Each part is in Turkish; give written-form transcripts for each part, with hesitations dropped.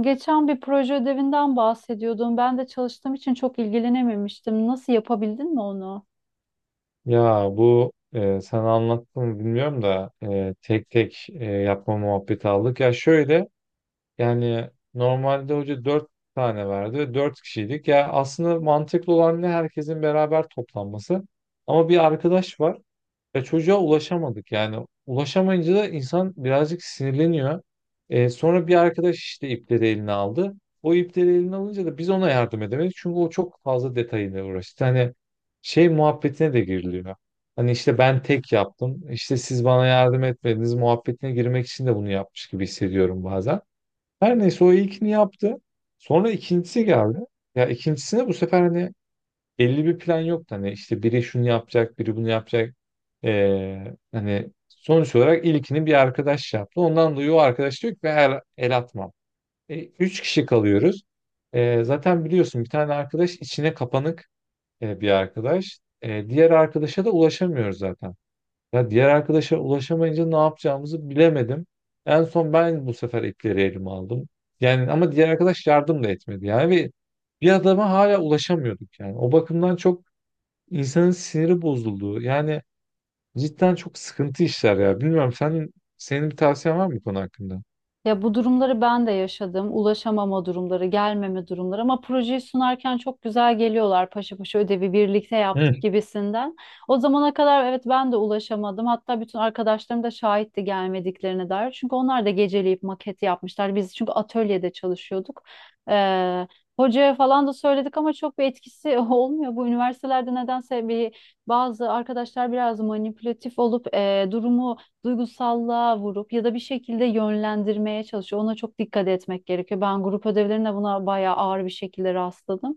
Geçen bir proje ödevinden bahsediyordun. Ben de çalıştığım için çok ilgilenememiştim. Nasıl yapabildin mi onu? Ya bu sen anlattın mı bilmiyorum da tek tek yapma muhabbeti aldık. Ya şöyle yani normalde hoca 4 tane verdi. Dört kişiydik. Ya aslında mantıklı olan ne herkesin beraber toplanması. Ama bir arkadaş var. Ya çocuğa ulaşamadık yani. Ulaşamayınca da insan birazcık sinirleniyor. Sonra bir arkadaş işte ipleri eline aldı. O ipleri eline alınca da biz ona yardım edemedik. Çünkü o çok fazla detayıyla uğraştı. Hani şey muhabbetine de giriliyor. Hani işte ben tek yaptım. İşte siz bana yardım etmediniz muhabbetine girmek için de bunu yapmış gibi hissediyorum bazen. Her neyse o ilkini yaptı. Sonra ikincisi geldi. Ya ikincisine bu sefer hani belli bir plan yoktu. Hani işte biri şunu yapacak, biri bunu yapacak. Hani sonuç olarak ilkini bir arkadaş yaptı. Ondan dolayı o arkadaş diyor ki ben el atmam. E, 3 kişi kalıyoruz. E, zaten biliyorsun bir tane arkadaş içine kapanık bir arkadaş. E, diğer arkadaşa da ulaşamıyoruz zaten. Ya diğer arkadaşa ulaşamayınca ne yapacağımızı bilemedim. En son ben bu sefer ipleri elime aldım. Yani ama diğer arkadaş yardım da etmedi. Yani ve bir adama hala ulaşamıyorduk yani. O bakımdan çok insanın siniri bozulduğu yani cidden çok sıkıntı işler ya. Bilmiyorum sen, senin bir tavsiyen var mı bu konu hakkında? Ya bu durumları ben de yaşadım. Ulaşamama durumları, gelmeme durumları ama projeyi sunarken çok güzel geliyorlar. Paşa paşa ödevi birlikte Hı. yaptık gibisinden. O zamana kadar evet ben de ulaşamadım. Hatta bütün arkadaşlarım da şahitti gelmediklerine dair. Çünkü onlar da geceleyip maketi yapmışlar. Biz çünkü atölyede çalışıyorduk. Ee, Hocaya falan da söyledik ama çok bir etkisi olmuyor. Bu üniversitelerde nedense bir bazı arkadaşlar biraz manipülatif olup durumu duygusallığa vurup ya da bir şekilde yönlendirmeye çalışıyor. Ona çok dikkat etmek gerekiyor. Ben grup ödevlerinde buna bayağı ağır bir şekilde rastladım.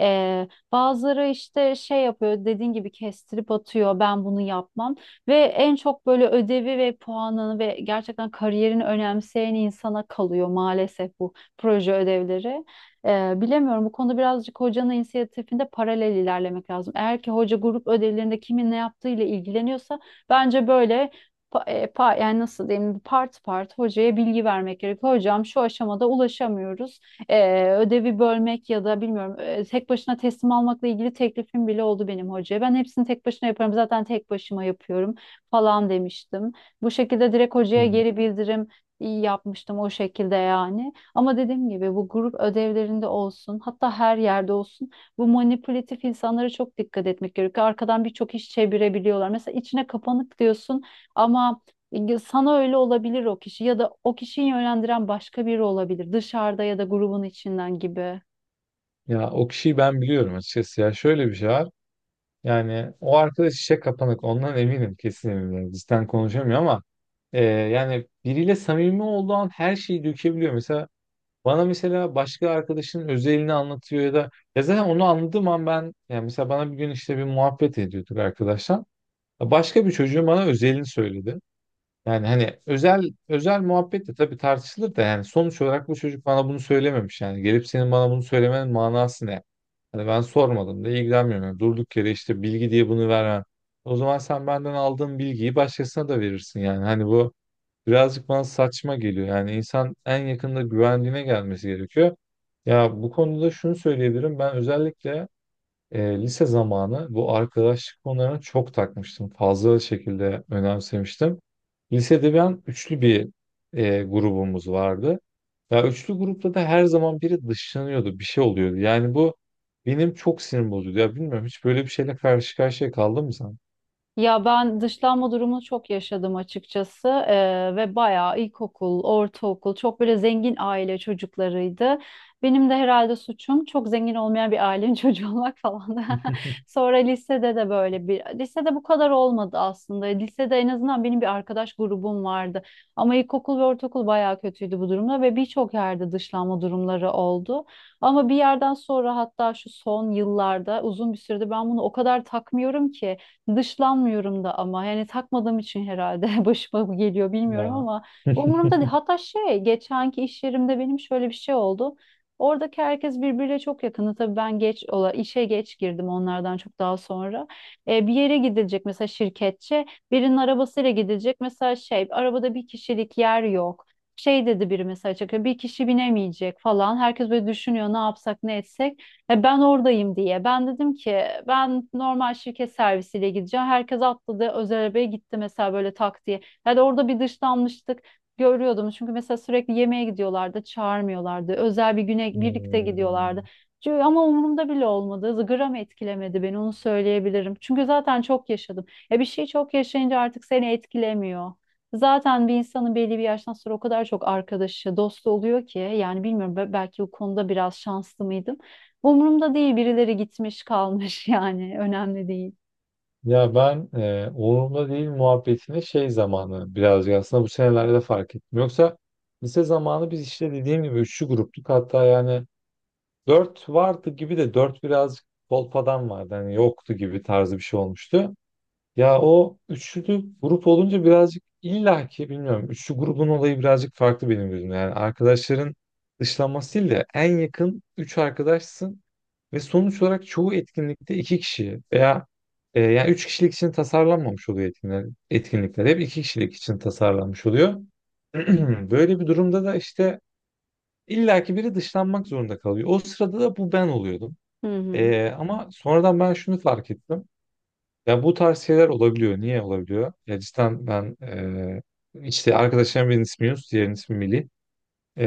Bazıları işte şey yapıyor dediğin gibi kestirip atıyor, ben bunu yapmam ve en çok böyle ödevi ve puanını ve gerçekten kariyerini önemseyen insana kalıyor maalesef bu proje ödevleri. Bilemiyorum, bu konuda birazcık hocanın inisiyatifinde paralel ilerlemek lazım. Eğer ki hoca grup ödevlerinde kimin ne yaptığıyla ilgileniyorsa bence böyle yani nasıl diyeyim, part part hocaya bilgi vermek gerekiyor. Hocam şu aşamada ulaşamıyoruz. Ödevi bölmek ya da bilmiyorum tek başına teslim almakla ilgili teklifim bile oldu benim hocaya. Ben hepsini tek başına yaparım, zaten tek başıma yapıyorum falan demiştim. Bu şekilde direkt hocaya Hmm. geri bildirim iyi yapmıştım o şekilde yani. Ama dediğim gibi bu grup ödevlerinde olsun, hatta her yerde olsun bu manipülatif insanlara çok dikkat etmek gerekiyor. Arkadan birçok iş çevirebiliyorlar. Mesela içine kapanık diyorsun ama sana öyle olabilir. O kişi ya da o kişiyi yönlendiren başka biri olabilir. Dışarıda ya da grubun içinden gibi. Ya o kişiyi ben biliyorum açıkçası ya şöyle bir şey var. Yani o arkadaş işe kapanık ondan eminim kesin eminim. Yani cidden konuşamıyor ama yani biriyle samimi olduğu an her şeyi dökebiliyor. Mesela bana mesela başka arkadaşının özelini anlatıyor ya da ya zaten onu anladığım an ben yani mesela bana bir gün işte bir muhabbet ediyorduk arkadaşlar. Başka bir çocuğun bana özelini söyledi. Yani hani özel özel muhabbet de tabii tartışılır da yani sonuç olarak bu çocuk bana bunu söylememiş yani. Gelip senin bana bunu söylemenin manası ne? Hani ben sormadım da ilgilenmiyorum. Yani durduk yere işte bilgi diye bunu vermem. O zaman sen benden aldığın bilgiyi başkasına da verirsin yani. Hani bu birazcık bana saçma geliyor. Yani insan en yakında güvendiğine gelmesi gerekiyor. Ya bu konuda şunu söyleyebilirim. Ben özellikle lise zamanı bu arkadaşlık konularına çok takmıştım. Fazla şekilde önemsemiştim. Lisede ben üçlü bir grubumuz vardı. Ya üçlü grupta da her zaman biri dışlanıyordu, bir şey oluyordu. Yani bu benim çok sinir bozuyordu. Ya bilmiyorum hiç böyle bir şeyle karşı karşıya kaldın mı sen? Ya ben dışlanma durumunu çok yaşadım açıkçası. Ve bayağı ilkokul, ortaokul çok böyle zengin aile çocuklarıydı. Benim de herhalde suçum çok zengin olmayan bir ailenin çocuğu olmak falan. Sonra lisede de böyle bir, lisede bu kadar olmadı aslında. Lisede en azından benim bir arkadaş grubum vardı. Ama ilkokul ve ortaokul bayağı kötüydü bu durumda ve birçok yerde dışlanma durumları oldu. Ama bir yerden sonra, hatta şu son yıllarda uzun bir süredir ben bunu o kadar takmıyorum ki. Dışlanmıyorum da ama yani takmadığım için herhalde başıma bu geliyor bilmiyorum, Ya. ama umurumda değil. Hatta şey, geçenki iş yerimde benim şöyle bir şey oldu. Oradaki herkes birbiriyle çok yakını. Tabii ben geç ola işe geç girdim, onlardan çok daha sonra. Bir yere gidilecek mesela, şirketçe birinin arabasıyla gidilecek mesela, şey arabada bir kişilik yer yok. Şey dedi biri, mesela çıkıyor bir kişi binemeyecek falan. Herkes böyle düşünüyor, ne yapsak ne etsek. Ben oradayım diye. Ben dedim ki ben normal şirket servisiyle gideceğim. Herkes atladı özel arabaya gitti mesela, böyle tak diye. Yani orada bir dışlanmıştık, görüyordum. Çünkü mesela sürekli yemeğe gidiyorlardı, çağırmıyorlardı. Özel bir güne birlikte gidiyorlardı. Hmm. Ama umurumda bile olmadı. Gram etkilemedi beni, onu söyleyebilirim. Çünkü zaten çok yaşadım. Ya bir şey çok yaşayınca artık seni etkilemiyor. Zaten bir insanın belli bir yaştan sonra o kadar çok arkadaşı, dostu oluyor ki yani bilmiyorum, belki bu konuda biraz şanslı mıydım. Umurumda değil, birileri gitmiş kalmış, yani önemli değil. Ya ben umurumda değil muhabbetini şey zamanı birazcık aslında bu senelerde fark ettim. Yoksa lise zamanı biz işte dediğim gibi üçlü gruptuk. Hatta yani dört vardı gibi de dört birazcık kolpadan vardı. Hani yoktu gibi tarzı bir şey olmuştu. Ya o üçlü grup olunca birazcık illaki bilmiyorum. Üçlü grubun olayı birazcık farklı benim gözümde. Yani arkadaşların dışlanması değil de en yakın üç arkadaşsın ve sonuç olarak çoğu etkinlikte 2 kişi veya yani 3 kişilik için tasarlanmamış oluyor etkinlikler. Etkinlikler hep 2 kişilik için tasarlanmış oluyor. Böyle bir durumda da işte illaki biri dışlanmak zorunda kalıyor. O sırada da bu ben oluyordum. Hı hı. Ama sonradan ben şunu fark ettim. Ya bu tarz şeyler olabiliyor. Niye olabiliyor? Ya cidden ben işte arkadaşlarım birinin ismi Yunus, diğerinin ismi Melih. Eee,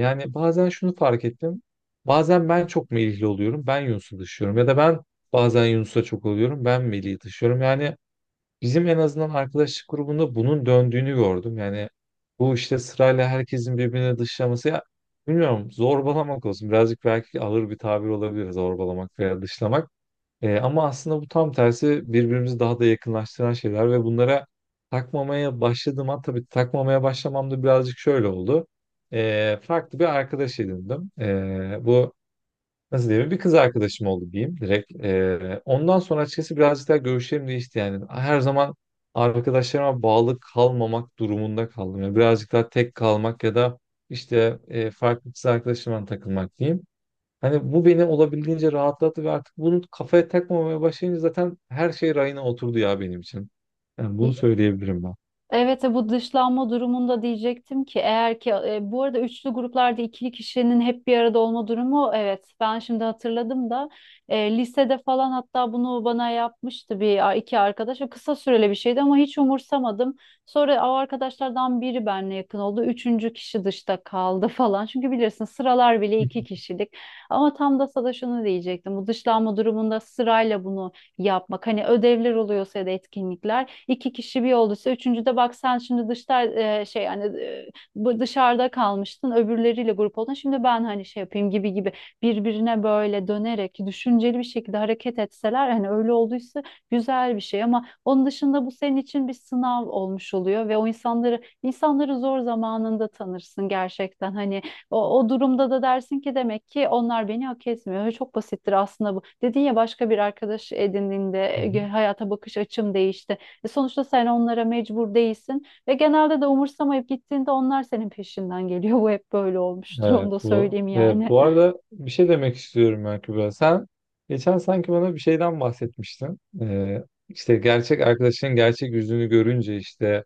yani bazen şunu fark ettim. Bazen ben çok Melihli oluyorum, ben Yunus'u dışlıyorum. Ya da ben bazen Yunus'a çok oluyorum, ben Melih'i dışlıyorum. Yani bizim en azından arkadaşlık grubunda bunun döndüğünü gördüm. Yani bu işte sırayla herkesin birbirini dışlaması ya bilmiyorum zorbalamak olsun. Birazcık belki ağır bir tabir olabilir zorbalamak veya dışlamak. Ama aslında bu tam tersi birbirimizi daha da yakınlaştıran şeyler ve bunlara takmamaya başladım. Ha, tabii takmamaya başlamam da birazcık şöyle oldu. E, farklı bir arkadaş edindim. Bu nasıl diyeyim bir kız arkadaşım oldu diyeyim direkt. E, ondan sonra açıkçası birazcık daha görüşlerim değişti yani. Her zaman arkadaşlarıma bağlı kalmamak durumunda kaldım. Yani birazcık daha tek kalmak ya da işte farklı kız arkadaşımla takılmak diyeyim. Hani bu beni olabildiğince rahatlattı ve artık bunu kafaya takmamaya başlayınca zaten her şey rayına oturdu ya benim için. Yani bunu İ- söyleyebilirim ben. Evet, bu dışlanma durumunda diyecektim ki eğer ki bu arada üçlü gruplarda ikili kişinin hep bir arada olma durumu, evet ben şimdi hatırladım da lisede falan hatta bunu bana yapmıştı bir iki arkadaş. O kısa süreli bir şeydi ama hiç umursamadım. Sonra o arkadaşlardan biri benimle yakın oldu. Üçüncü kişi dışta kaldı falan. Çünkü bilirsin sıralar bile iki kişilik. Ama tam da sana şunu diyecektim. Bu dışlanma durumunda sırayla bunu yapmak. Hani ödevler oluyorsa ya da etkinlikler iki kişi bir olduysa üçüncüde bak sen şimdi dışta, şey yani, bu dışarıda kalmıştın, öbürleriyle grup oldun, şimdi ben hani şey yapayım gibi gibi, birbirine böyle dönerek düşünceli bir şekilde hareket etseler, hani öyle olduysa güzel bir şey. Ama onun dışında bu senin için bir sınav olmuş oluyor ve o insanları, insanları zor zamanında tanırsın gerçekten. Hani o, o durumda da dersin ki demek ki onlar beni hak etmiyor. Öyle. Çok basittir aslında bu. Dedin ya başka bir arkadaş edindiğinde Hı hı. hayata bakış açım değişti. Sonuçta sen onlara mecbur değilsin ve genelde de umursamayıp gittiğinde onlar senin peşinden geliyor. Bu hep böyle olmuştur, onu Evet da bu. söyleyeyim yani. Bu arada bir şey demek istiyorum ben Kübra. Sen geçen sanki bana bir şeyden bahsetmiştin. İşte gerçek arkadaşının gerçek yüzünü görünce işte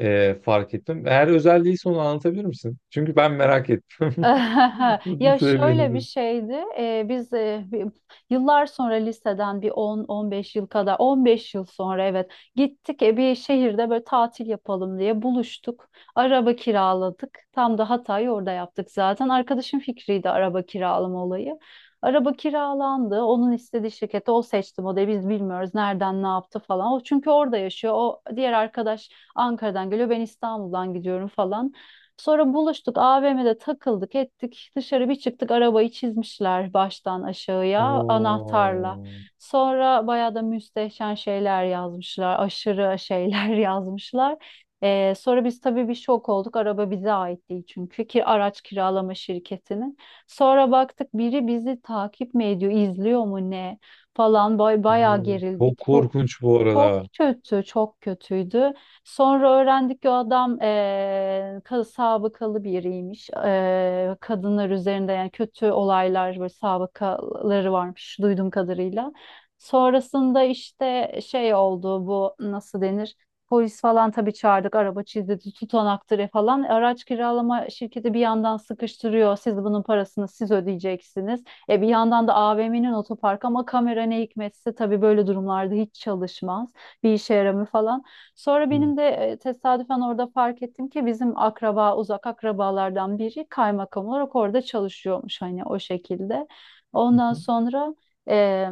fark ettim. Eğer özel değilse onu anlatabilir misin? Çünkü ben merak ettim. Bunu Ya şöyle bir söyleyebilirim. şeydi. Biz yıllar sonra liseden bir on on beş yıl kadar, on beş yıl sonra evet, gittik bir şehirde böyle tatil yapalım diye buluştuk. Araba kiraladık. Tam da Hatay'ı orada yaptık zaten. Arkadaşım fikriydi araba kiralama olayı. Araba kiralandı. Onun istediği şirkette o seçti modeli. Biz bilmiyoruz nereden ne yaptı falan. O çünkü orada yaşıyor. O diğer arkadaş Ankara'dan geliyor. Ben İstanbul'dan gidiyorum falan. Sonra buluştuk, AVM'de takıldık ettik, dışarı bir çıktık, arabayı çizmişler baştan aşağıya anahtarla. Oo, Sonra bayağı da müstehcen şeyler yazmışlar, aşırı şeyler yazmışlar. Sonra biz tabii bir şok olduk, araba bize ait değil çünkü, ki araç kiralama şirketinin. Sonra baktık biri bizi takip mi ediyor, izliyor mu ne falan, bay bayağı oo, gerildik. çok korkunç bu Çok arada. kötü, çok kötüydü. Sonra öğrendik ki o adam sabıkalı biriymiş. Kadınlar üzerinde yani kötü olaylar, böyle sabıkaları varmış duyduğum kadarıyla. Sonrasında işte şey oldu, bu nasıl denir? Polis falan tabii çağırdık, araba çizdirdi, tutanaktır falan. Araç kiralama şirketi bir yandan sıkıştırıyor. Siz bunun parasını siz ödeyeceksiniz. E bir yandan da AVM'nin otoparkı ama kamera ne hikmetse tabii böyle durumlarda hiç çalışmaz. Bir işe yaramıyor falan. Sonra benim de tesadüfen orada fark ettim ki bizim akraba, uzak akrabalardan biri kaymakam olarak orada çalışıyormuş, hani o şekilde. Hı Ondan hı. sonra e,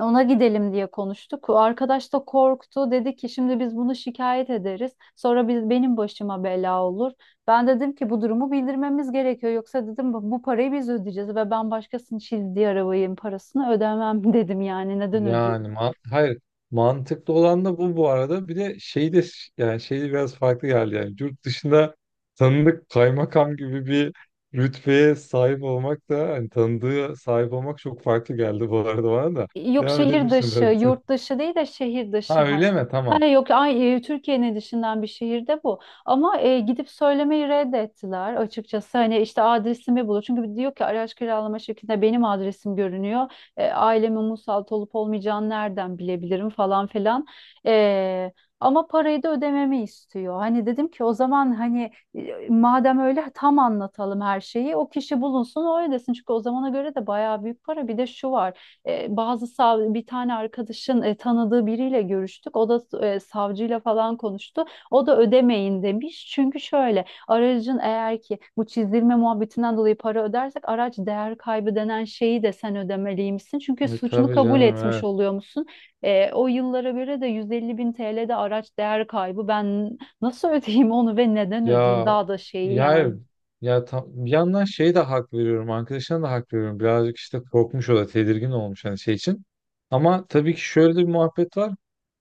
ona gidelim diye konuştuk. O arkadaş da korktu. Dedi ki şimdi biz bunu şikayet ederiz. Sonra biz, benim başıma bela olur. Ben dedim ki bu durumu bildirmemiz gerekiyor. Yoksa dedim bu bu parayı biz ödeyeceğiz ve ben başkasının çizdiği arabanın parasını ödemem dedim yani. Neden ödüyorum? Yani ma- hayır mantıklı olan da bu bu arada. Bir de şey de yani şey de biraz farklı geldi yani. Yurt dışında tanıdık kaymakam gibi bir rütbeye sahip olmak da hani tanıdığı sahip olmak çok farklı geldi bu arada bana da. Yok, Devam şehir edebilirsin dışı, belki. yurt dışı değil de şehir dışı Ha hani. öyle mi? Tamam. Hani yok ay, Türkiye'nin dışından bir şehirde bu. Ama gidip söylemeyi reddettiler açıkçası. Hani işte adresimi bulur. Çünkü diyor ki araç kiralama şirketinde benim adresim görünüyor. Ailemin musallat olup olmayacağını nereden bilebilirim falan filan. E, Ama parayı da ödememi istiyor. Hani dedim ki o zaman hani, madem öyle tam anlatalım her şeyi. O kişi bulunsun, o ödesin. Çünkü o zamana göre de bayağı büyük para. Bir de şu var. E, bazı sav Bir tane arkadaşın tanıdığı biriyle görüştük. O da savcıyla falan konuştu. O da ödemeyin demiş. Çünkü şöyle, aracın eğer ki bu çizdirme muhabbetinden dolayı para ödersek araç değer kaybı denen şeyi de sen ödemeliymişsin. Çünkü E, suçunu tabii kabul canım etmiş evet. oluyor musun? O yıllara göre de 150 bin TL'de araç değer kaybı. Ben nasıl ödeyeyim onu ve neden ödeyeyim? Ya Daha da şeyi ya yani. hayır. Ya tam, bir yandan şey de hak veriyorum. Arkadaşına da hak veriyorum. Birazcık işte korkmuş o da tedirgin olmuş hani şey için. Ama tabii ki şöyle de bir muhabbet var.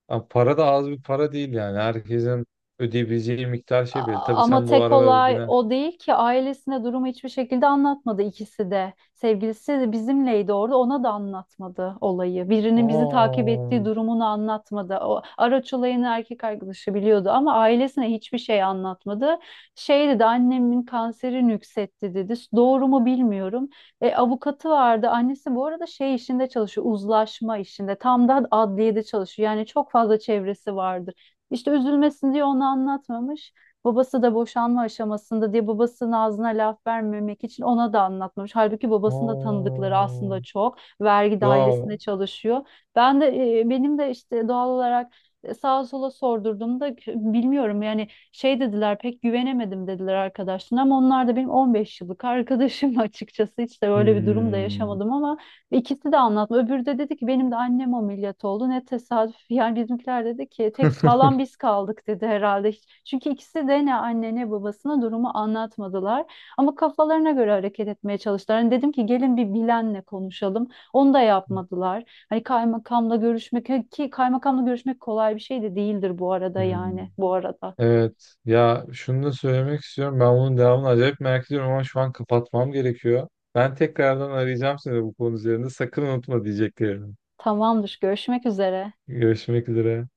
Abi para da az bir para değil yani. Herkesin ödeyebileceği miktar şey belli. Tabii Ama sen bu tek arabaya olay binen. o değil ki ailesine durumu hiçbir şekilde anlatmadı ikisi de. Sevgilisi de bizimleydi orada, ona da anlatmadı olayı. Birinin bizi takip Aa, ettiği durumunu anlatmadı. O araç olayını erkek arkadaşı biliyordu ama ailesine hiçbir şey anlatmadı. Şey dedi, annemin kanseri nüksetti dedi. Doğru mu bilmiyorum. Avukatı vardı. Annesi bu arada şey işinde çalışıyor, uzlaşma işinde. Tam da adliyede çalışıyor. Yani çok fazla çevresi vardır. İşte üzülmesin diye onu anlatmamış. Babası da boşanma aşamasında diye babasının ağzına laf vermemek için ona da anlatmamış. Halbuki babasının da tanıdıkları aslında aa, çok. Vergi ya. dairesinde çalışıyor. Ben de benim de işte doğal olarak sağa sola sordurduğumda bilmiyorum yani şey dediler, pek güvenemedim dediler arkadaşlarına, ama onlar da benim 15 yıllık arkadaşım açıkçası, hiç de böyle bir durum da Hmm. yaşamadım ama İkisi de anlatma. Öbürü de dedi ki benim de annem ameliyat oldu. Ne tesadüf. Yani bizimkiler dedi ki tek sağlam biz kaldık dedi herhalde. Çünkü ikisi de ne anne ne babasına durumu anlatmadılar. Ama kafalarına göre hareket etmeye çalıştılar. Hani dedim ki gelin bir bilenle konuşalım. Onu da yapmadılar. Hani kaymakamla görüşmek, hani ki kaymakamla görüşmek kolay bir şey de değildir bu arada, Hmm. yani bu arada. Evet. Ya şunu da söylemek istiyorum. Ben bunun devamını acayip merak ediyorum ama şu an kapatmam gerekiyor. Ben tekrardan arayacağım seni bu konu üzerinde. Sakın unutma diyeceklerini. Tamamdır. Görüşmek üzere. Görüşmek üzere.